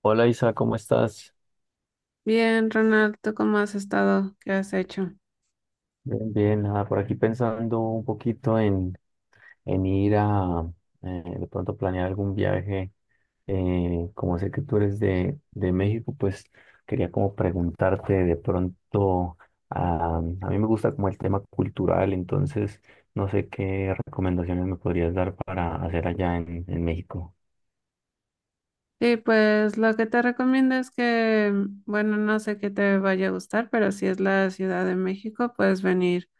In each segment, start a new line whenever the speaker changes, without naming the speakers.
Hola Isa, ¿cómo estás?
Bien, Ronald, ¿tú cómo has estado? ¿Qué has hecho?
Bien, bien, nada, por aquí pensando un poquito en ir a de pronto planear algún viaje. Como sé que tú eres de México, pues quería como preguntarte de pronto, a mí me gusta como el tema cultural, entonces no sé qué recomendaciones me podrías dar para hacer allá en México.
Sí, pues lo que te recomiendo es que, bueno, no sé qué te vaya a gustar, pero si es la Ciudad de México, puedes venir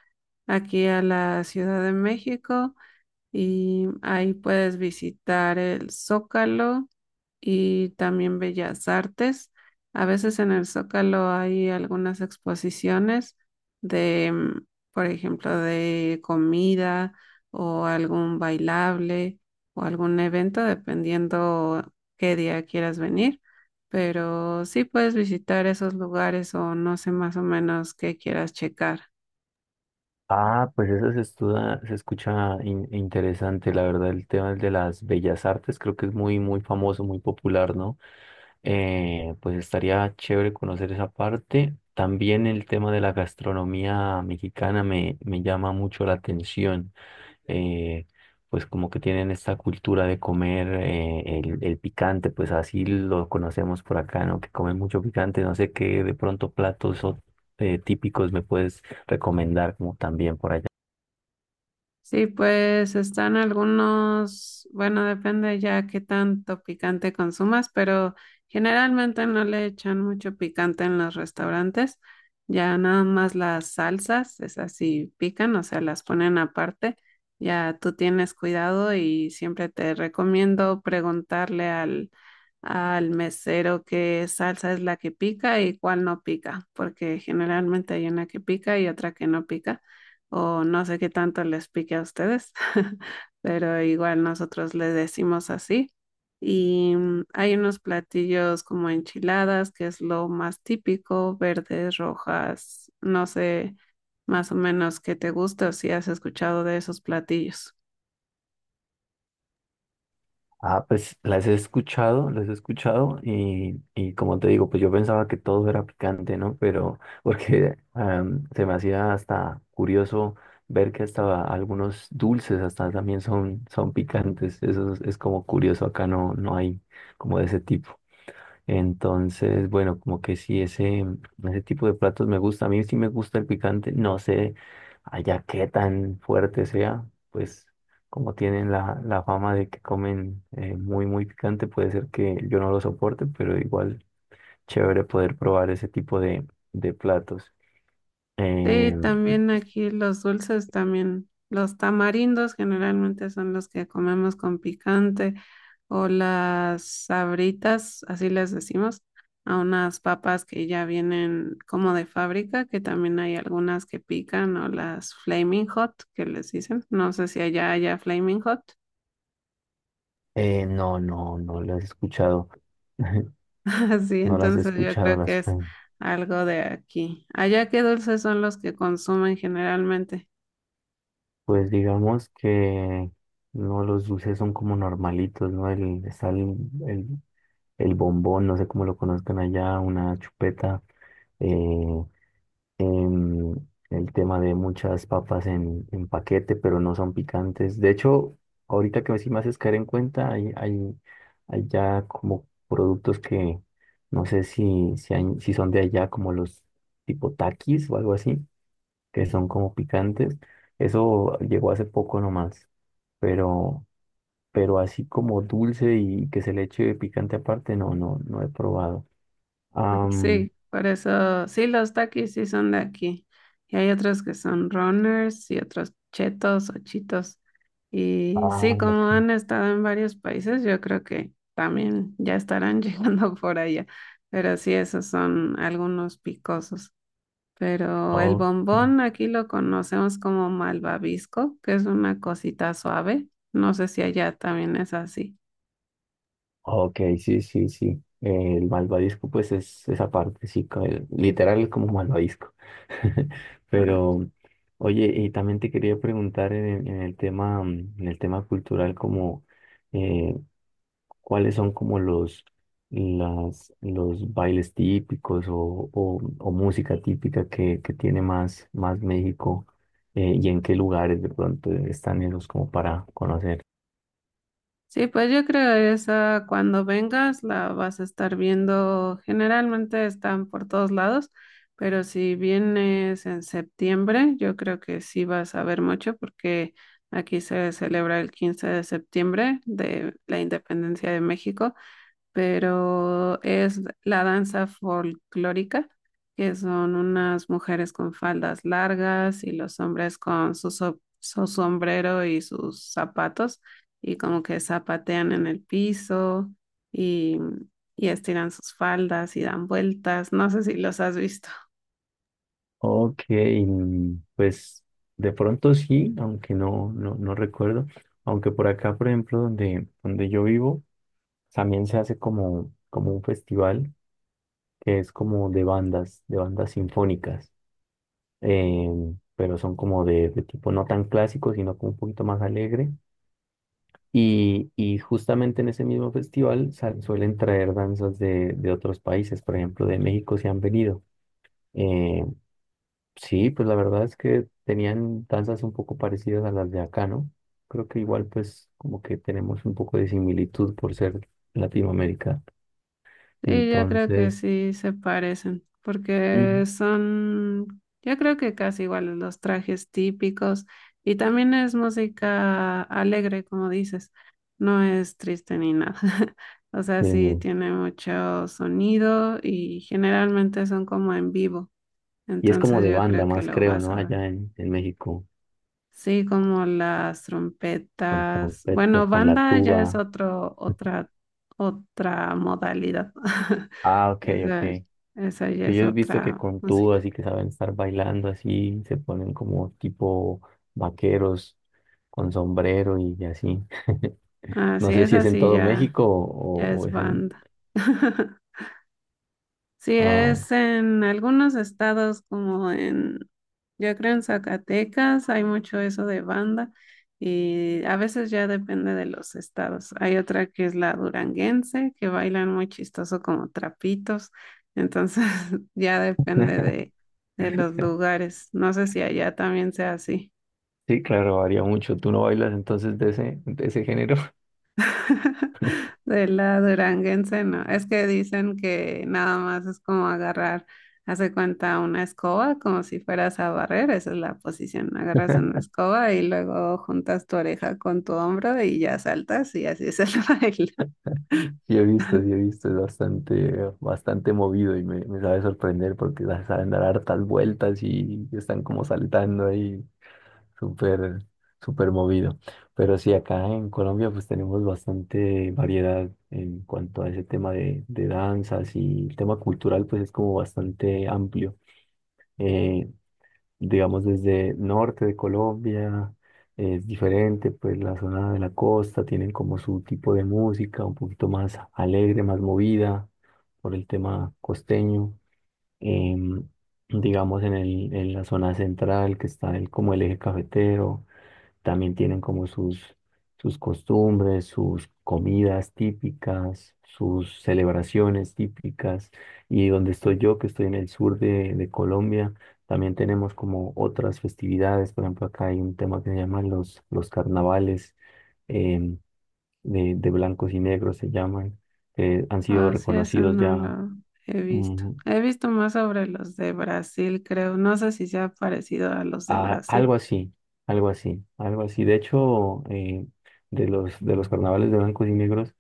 aquí a la Ciudad de México y ahí puedes visitar el Zócalo y también Bellas Artes. A veces en el Zócalo hay algunas exposiciones de, por ejemplo, de comida o algún bailable o algún evento, dependiendo qué día quieras venir. Pero sí puedes visitar esos lugares o no sé más o menos qué quieras checar.
Ah, pues eso se escucha interesante, la verdad, el tema de las bellas artes creo que es muy, muy famoso, muy popular, ¿no? Pues estaría chévere conocer esa parte. También el tema de la gastronomía mexicana me llama mucho la atención. eh, pues como que tienen esta cultura de comer el picante, pues así lo conocemos por acá, ¿no? Que comen mucho picante, no sé qué de pronto platos o, típicos me puedes recomendar como también por allá.
Sí, pues están algunos, bueno, depende ya qué tanto picante consumas, pero generalmente no le echan mucho picante en los restaurantes, ya nada más las salsas, esas sí pican, o sea, las ponen aparte, ya tú tienes cuidado y siempre te recomiendo preguntarle al, al mesero qué salsa es la que pica y cuál no pica, porque generalmente hay una que pica y otra que no pica o no sé qué tanto les pique a ustedes, pero igual nosotros le decimos así. Y hay unos platillos como enchiladas, que es lo más típico, verdes, rojas, no sé más o menos qué te gusta o si has escuchado de esos platillos.
Ah, pues las he escuchado y como te digo, pues yo pensaba que todo era picante, ¿no? Pero porque se me hacía hasta curioso ver que hasta algunos dulces hasta también son, son picantes. Eso es como curioso, acá no, no hay como de ese tipo. Entonces, bueno, como que sí, ese tipo de platos me gusta. A mí sí me gusta el picante. No sé allá qué tan fuerte sea, pues como tienen la fama de que comen muy, muy picante, puede ser que yo no lo soporte, pero igual chévere poder probar ese tipo de platos.
Sí,
Eh,
también aquí los dulces, también los tamarindos generalmente son los que comemos con picante o las sabritas, así les decimos, a unas papas que ya vienen como de fábrica, que también hay algunas que pican o las flaming hot que les dicen. No sé si allá haya flaming hot.
no, no, no las he escuchado.
Así,
No las he
entonces yo
escuchado
creo
las...
que es algo de aquí. ¿Allá qué dulces son los que consumen generalmente?
Pues digamos que no, los dulces son como normalitos, ¿no? Está el, el bombón, no sé cómo lo conozcan allá, una chupeta, eh, em, el tema de muchas papas en paquete, pero no son picantes. De hecho, ahorita que sí me haces caer en cuenta, hay ya como productos que no sé si son de allá, como los tipo taquis o algo así que son como picantes. Eso llegó hace poco nomás, pero, pero así como dulce y que se le eche picante aparte, no, no, no he probado. Am,
Sí, por eso, sí, los Takis sí son de aquí. Y hay otros que son runners y otros chetos o chitos. Y
ah,
sí,
ok,
como han estado en varios países, yo creo que también ya estarán llegando por allá. Pero sí, esos son algunos picosos. Pero el
ok,
bombón aquí lo conocemos como malvavisco, que es una cosita suave. No sé si allá también es así.
ok, sí, sí, sí. El malvadisco, pues es esa parte, sí, literal es como malvadisco. Pero, oye, y también te quería preguntar en el tema, en el tema cultural, como eh, cuáles son como las, los bailes típicos o música típica que tiene más, más México, y en qué lugares de pronto están esos como para conocer.
Sí, pues yo creo esa cuando vengas la vas a estar viendo. Generalmente están por todos lados, pero si vienes en septiembre, yo creo que sí vas a ver mucho porque aquí se celebra el 15 de septiembre de la independencia de México pero es la danza folclórica, que son unas mujeres con faldas largas y los hombres con su sombrero y sus zapatos y como que zapatean en el piso y, y estiran sus faldas y dan vueltas. No sé si los has visto.
Ok, pues de pronto sí, aunque no, no, no recuerdo, aunque por acá, por ejemplo, donde yo vivo, también se hace como, como un festival que es como de bandas sinfónicas. eh, pero son como de tipo no tan clásico, sino como un poquito más alegre. Y justamente en ese mismo festival suelen traer danzas de otros países, por ejemplo, de México se han venido. Eh, sí, pues la verdad es que tenían danzas un poco parecidas a las de acá, ¿no? Creo que igual pues como que tenemos un poco de similitud por ser Latinoamérica.
Sí, yo creo que
Entonces,
sí se parecen, porque
ujú.
son, yo creo que casi iguales los trajes típicos y también es música alegre, como dices, no es triste ni nada. O sea, sí
eh,
tiene mucho sonido y generalmente son como en vivo,
y es como
entonces
de
yo
banda
creo que
más,
lo
creo,
vas
¿no?
a ver.
Allá en México.
Sí, como las
Con
trompetas. Bueno,
trompetas, con la
banda ya es
tuba.
otra modalidad.
Ah, ok,
Esa,
ok.
esa ya
Que
es
yo he visto que
otra
con tubas
música.
y que saben estar bailando así, se ponen como tipo vaqueros con sombrero y así. No
Así
sé
es,
si es en
así
todo
ya,
México
ya
o
es
es en...
banda. Sí,
Ah,
es en algunos estados como en, yo creo en Zacatecas hay mucho eso de banda y a veces ya depende de los estados. Hay otra que es la duranguense, que bailan muy chistoso como trapitos, entonces ya depende de los lugares. No sé si allá también sea así.
sí, claro, varía mucho. ¿Tú no bailas entonces de ese género?
De la duranguense, no. Es que dicen que nada más es como agarrar, hace cuenta una escoba, como si fueras a barrer, esa es la posición. Agarras una escoba y luego juntas tu oreja con tu hombro y ya saltas y así es el baile.
Sí he visto, es bastante, bastante movido y me sabe sorprender porque saben dar hartas vueltas y están como saltando ahí. Súper, súper movido. Pero sí, acá en Colombia pues tenemos bastante variedad en cuanto a ese tema de danzas y el tema cultural pues es como bastante amplio. Eh, digamos desde norte de Colombia es diferente, pues la zona de la costa tienen como su tipo de música un poquito más alegre, más movida por el tema costeño. Em, digamos en el, en la zona central que está el, como el eje cafetero. También tienen como sus, sus costumbres, sus comidas típicas, sus celebraciones típicas. Y donde estoy yo, que estoy en el sur de Colombia, también tenemos como otras festividades. Por ejemplo, acá hay un tema que se llama los carnavales, em, de blancos y negros, se llaman, que han sido
Ah, sí, eso
reconocidos
no
ya.
lo he visto.
mm,
He visto más sobre los de Brasil, creo. No sé si sea parecido a los de
Ah,
Brasil.
algo así, algo así, algo así. De hecho, de los carnavales de blancos y negros,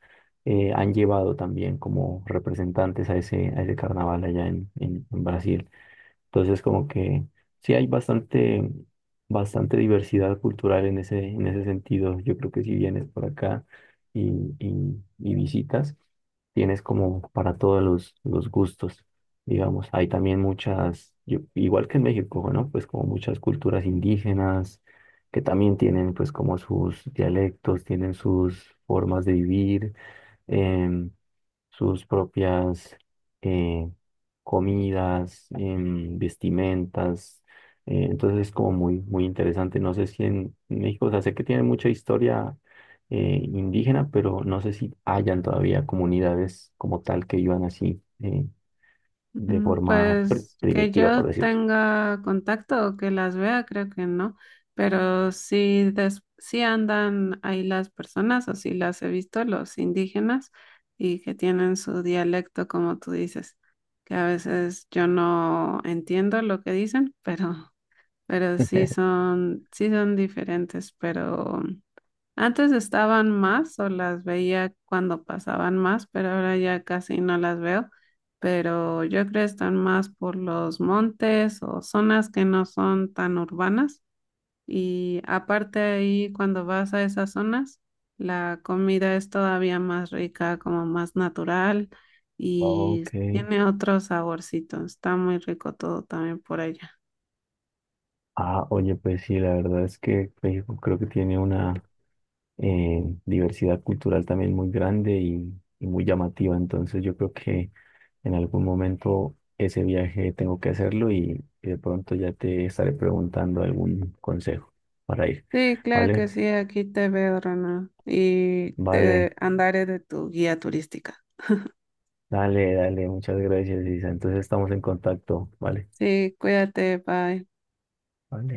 han llevado también como representantes a ese carnaval allá en Brasil. Entonces, como que sí hay bastante, bastante diversidad cultural en ese sentido. Yo creo que si vienes por acá y, y visitas, tienes como para todos los gustos, digamos. Hay también muchas, igual que en México, ¿no? Pues como muchas culturas indígenas que también tienen pues como sus dialectos, tienen sus formas de vivir. em, Sus propias eh, comidas, vestimentas. Entonces es como muy, muy interesante. No sé si en México, o sea, sé que tiene mucha historia indígena, pero no sé si hayan todavía comunidades como tal que vivan así, de
Mm,
forma
pues que
primitiva, por
yo
decirlo.
tenga contacto o que las vea, creo que no, pero sí, sí andan ahí las personas o sí las he visto, los indígenas, y que tienen su dialecto, como tú dices, que a veces yo no entiendo lo que dicen, pero, pero sí son, sí son diferentes, pero antes estaban más o las veía cuando pasaban más, pero ahora ya casi no las veo. Pero yo creo que están más por los montes o zonas que no son tan urbanas. Y aparte ahí, cuando vas a esas zonas, la comida es todavía más rica, como más natural y
Ok.
tiene otro saborcito. Está muy rico todo también por allá.
Ah, oye, pues sí, la verdad es que México creo que tiene una... diversidad cultural también muy grande y muy llamativa. Entonces yo creo que en algún momento ese viaje tengo que hacerlo y de pronto ya te estaré preguntando algún consejo para ir.
Sí, claro
¿Vale?
que sí, aquí te veo, Ronald, y
Vale,
te andaré de tu guía turística.
dale, dale, muchas gracias, Isa. Entonces estamos en contacto, ¿vale?
Sí, cuídate, bye.
Vale.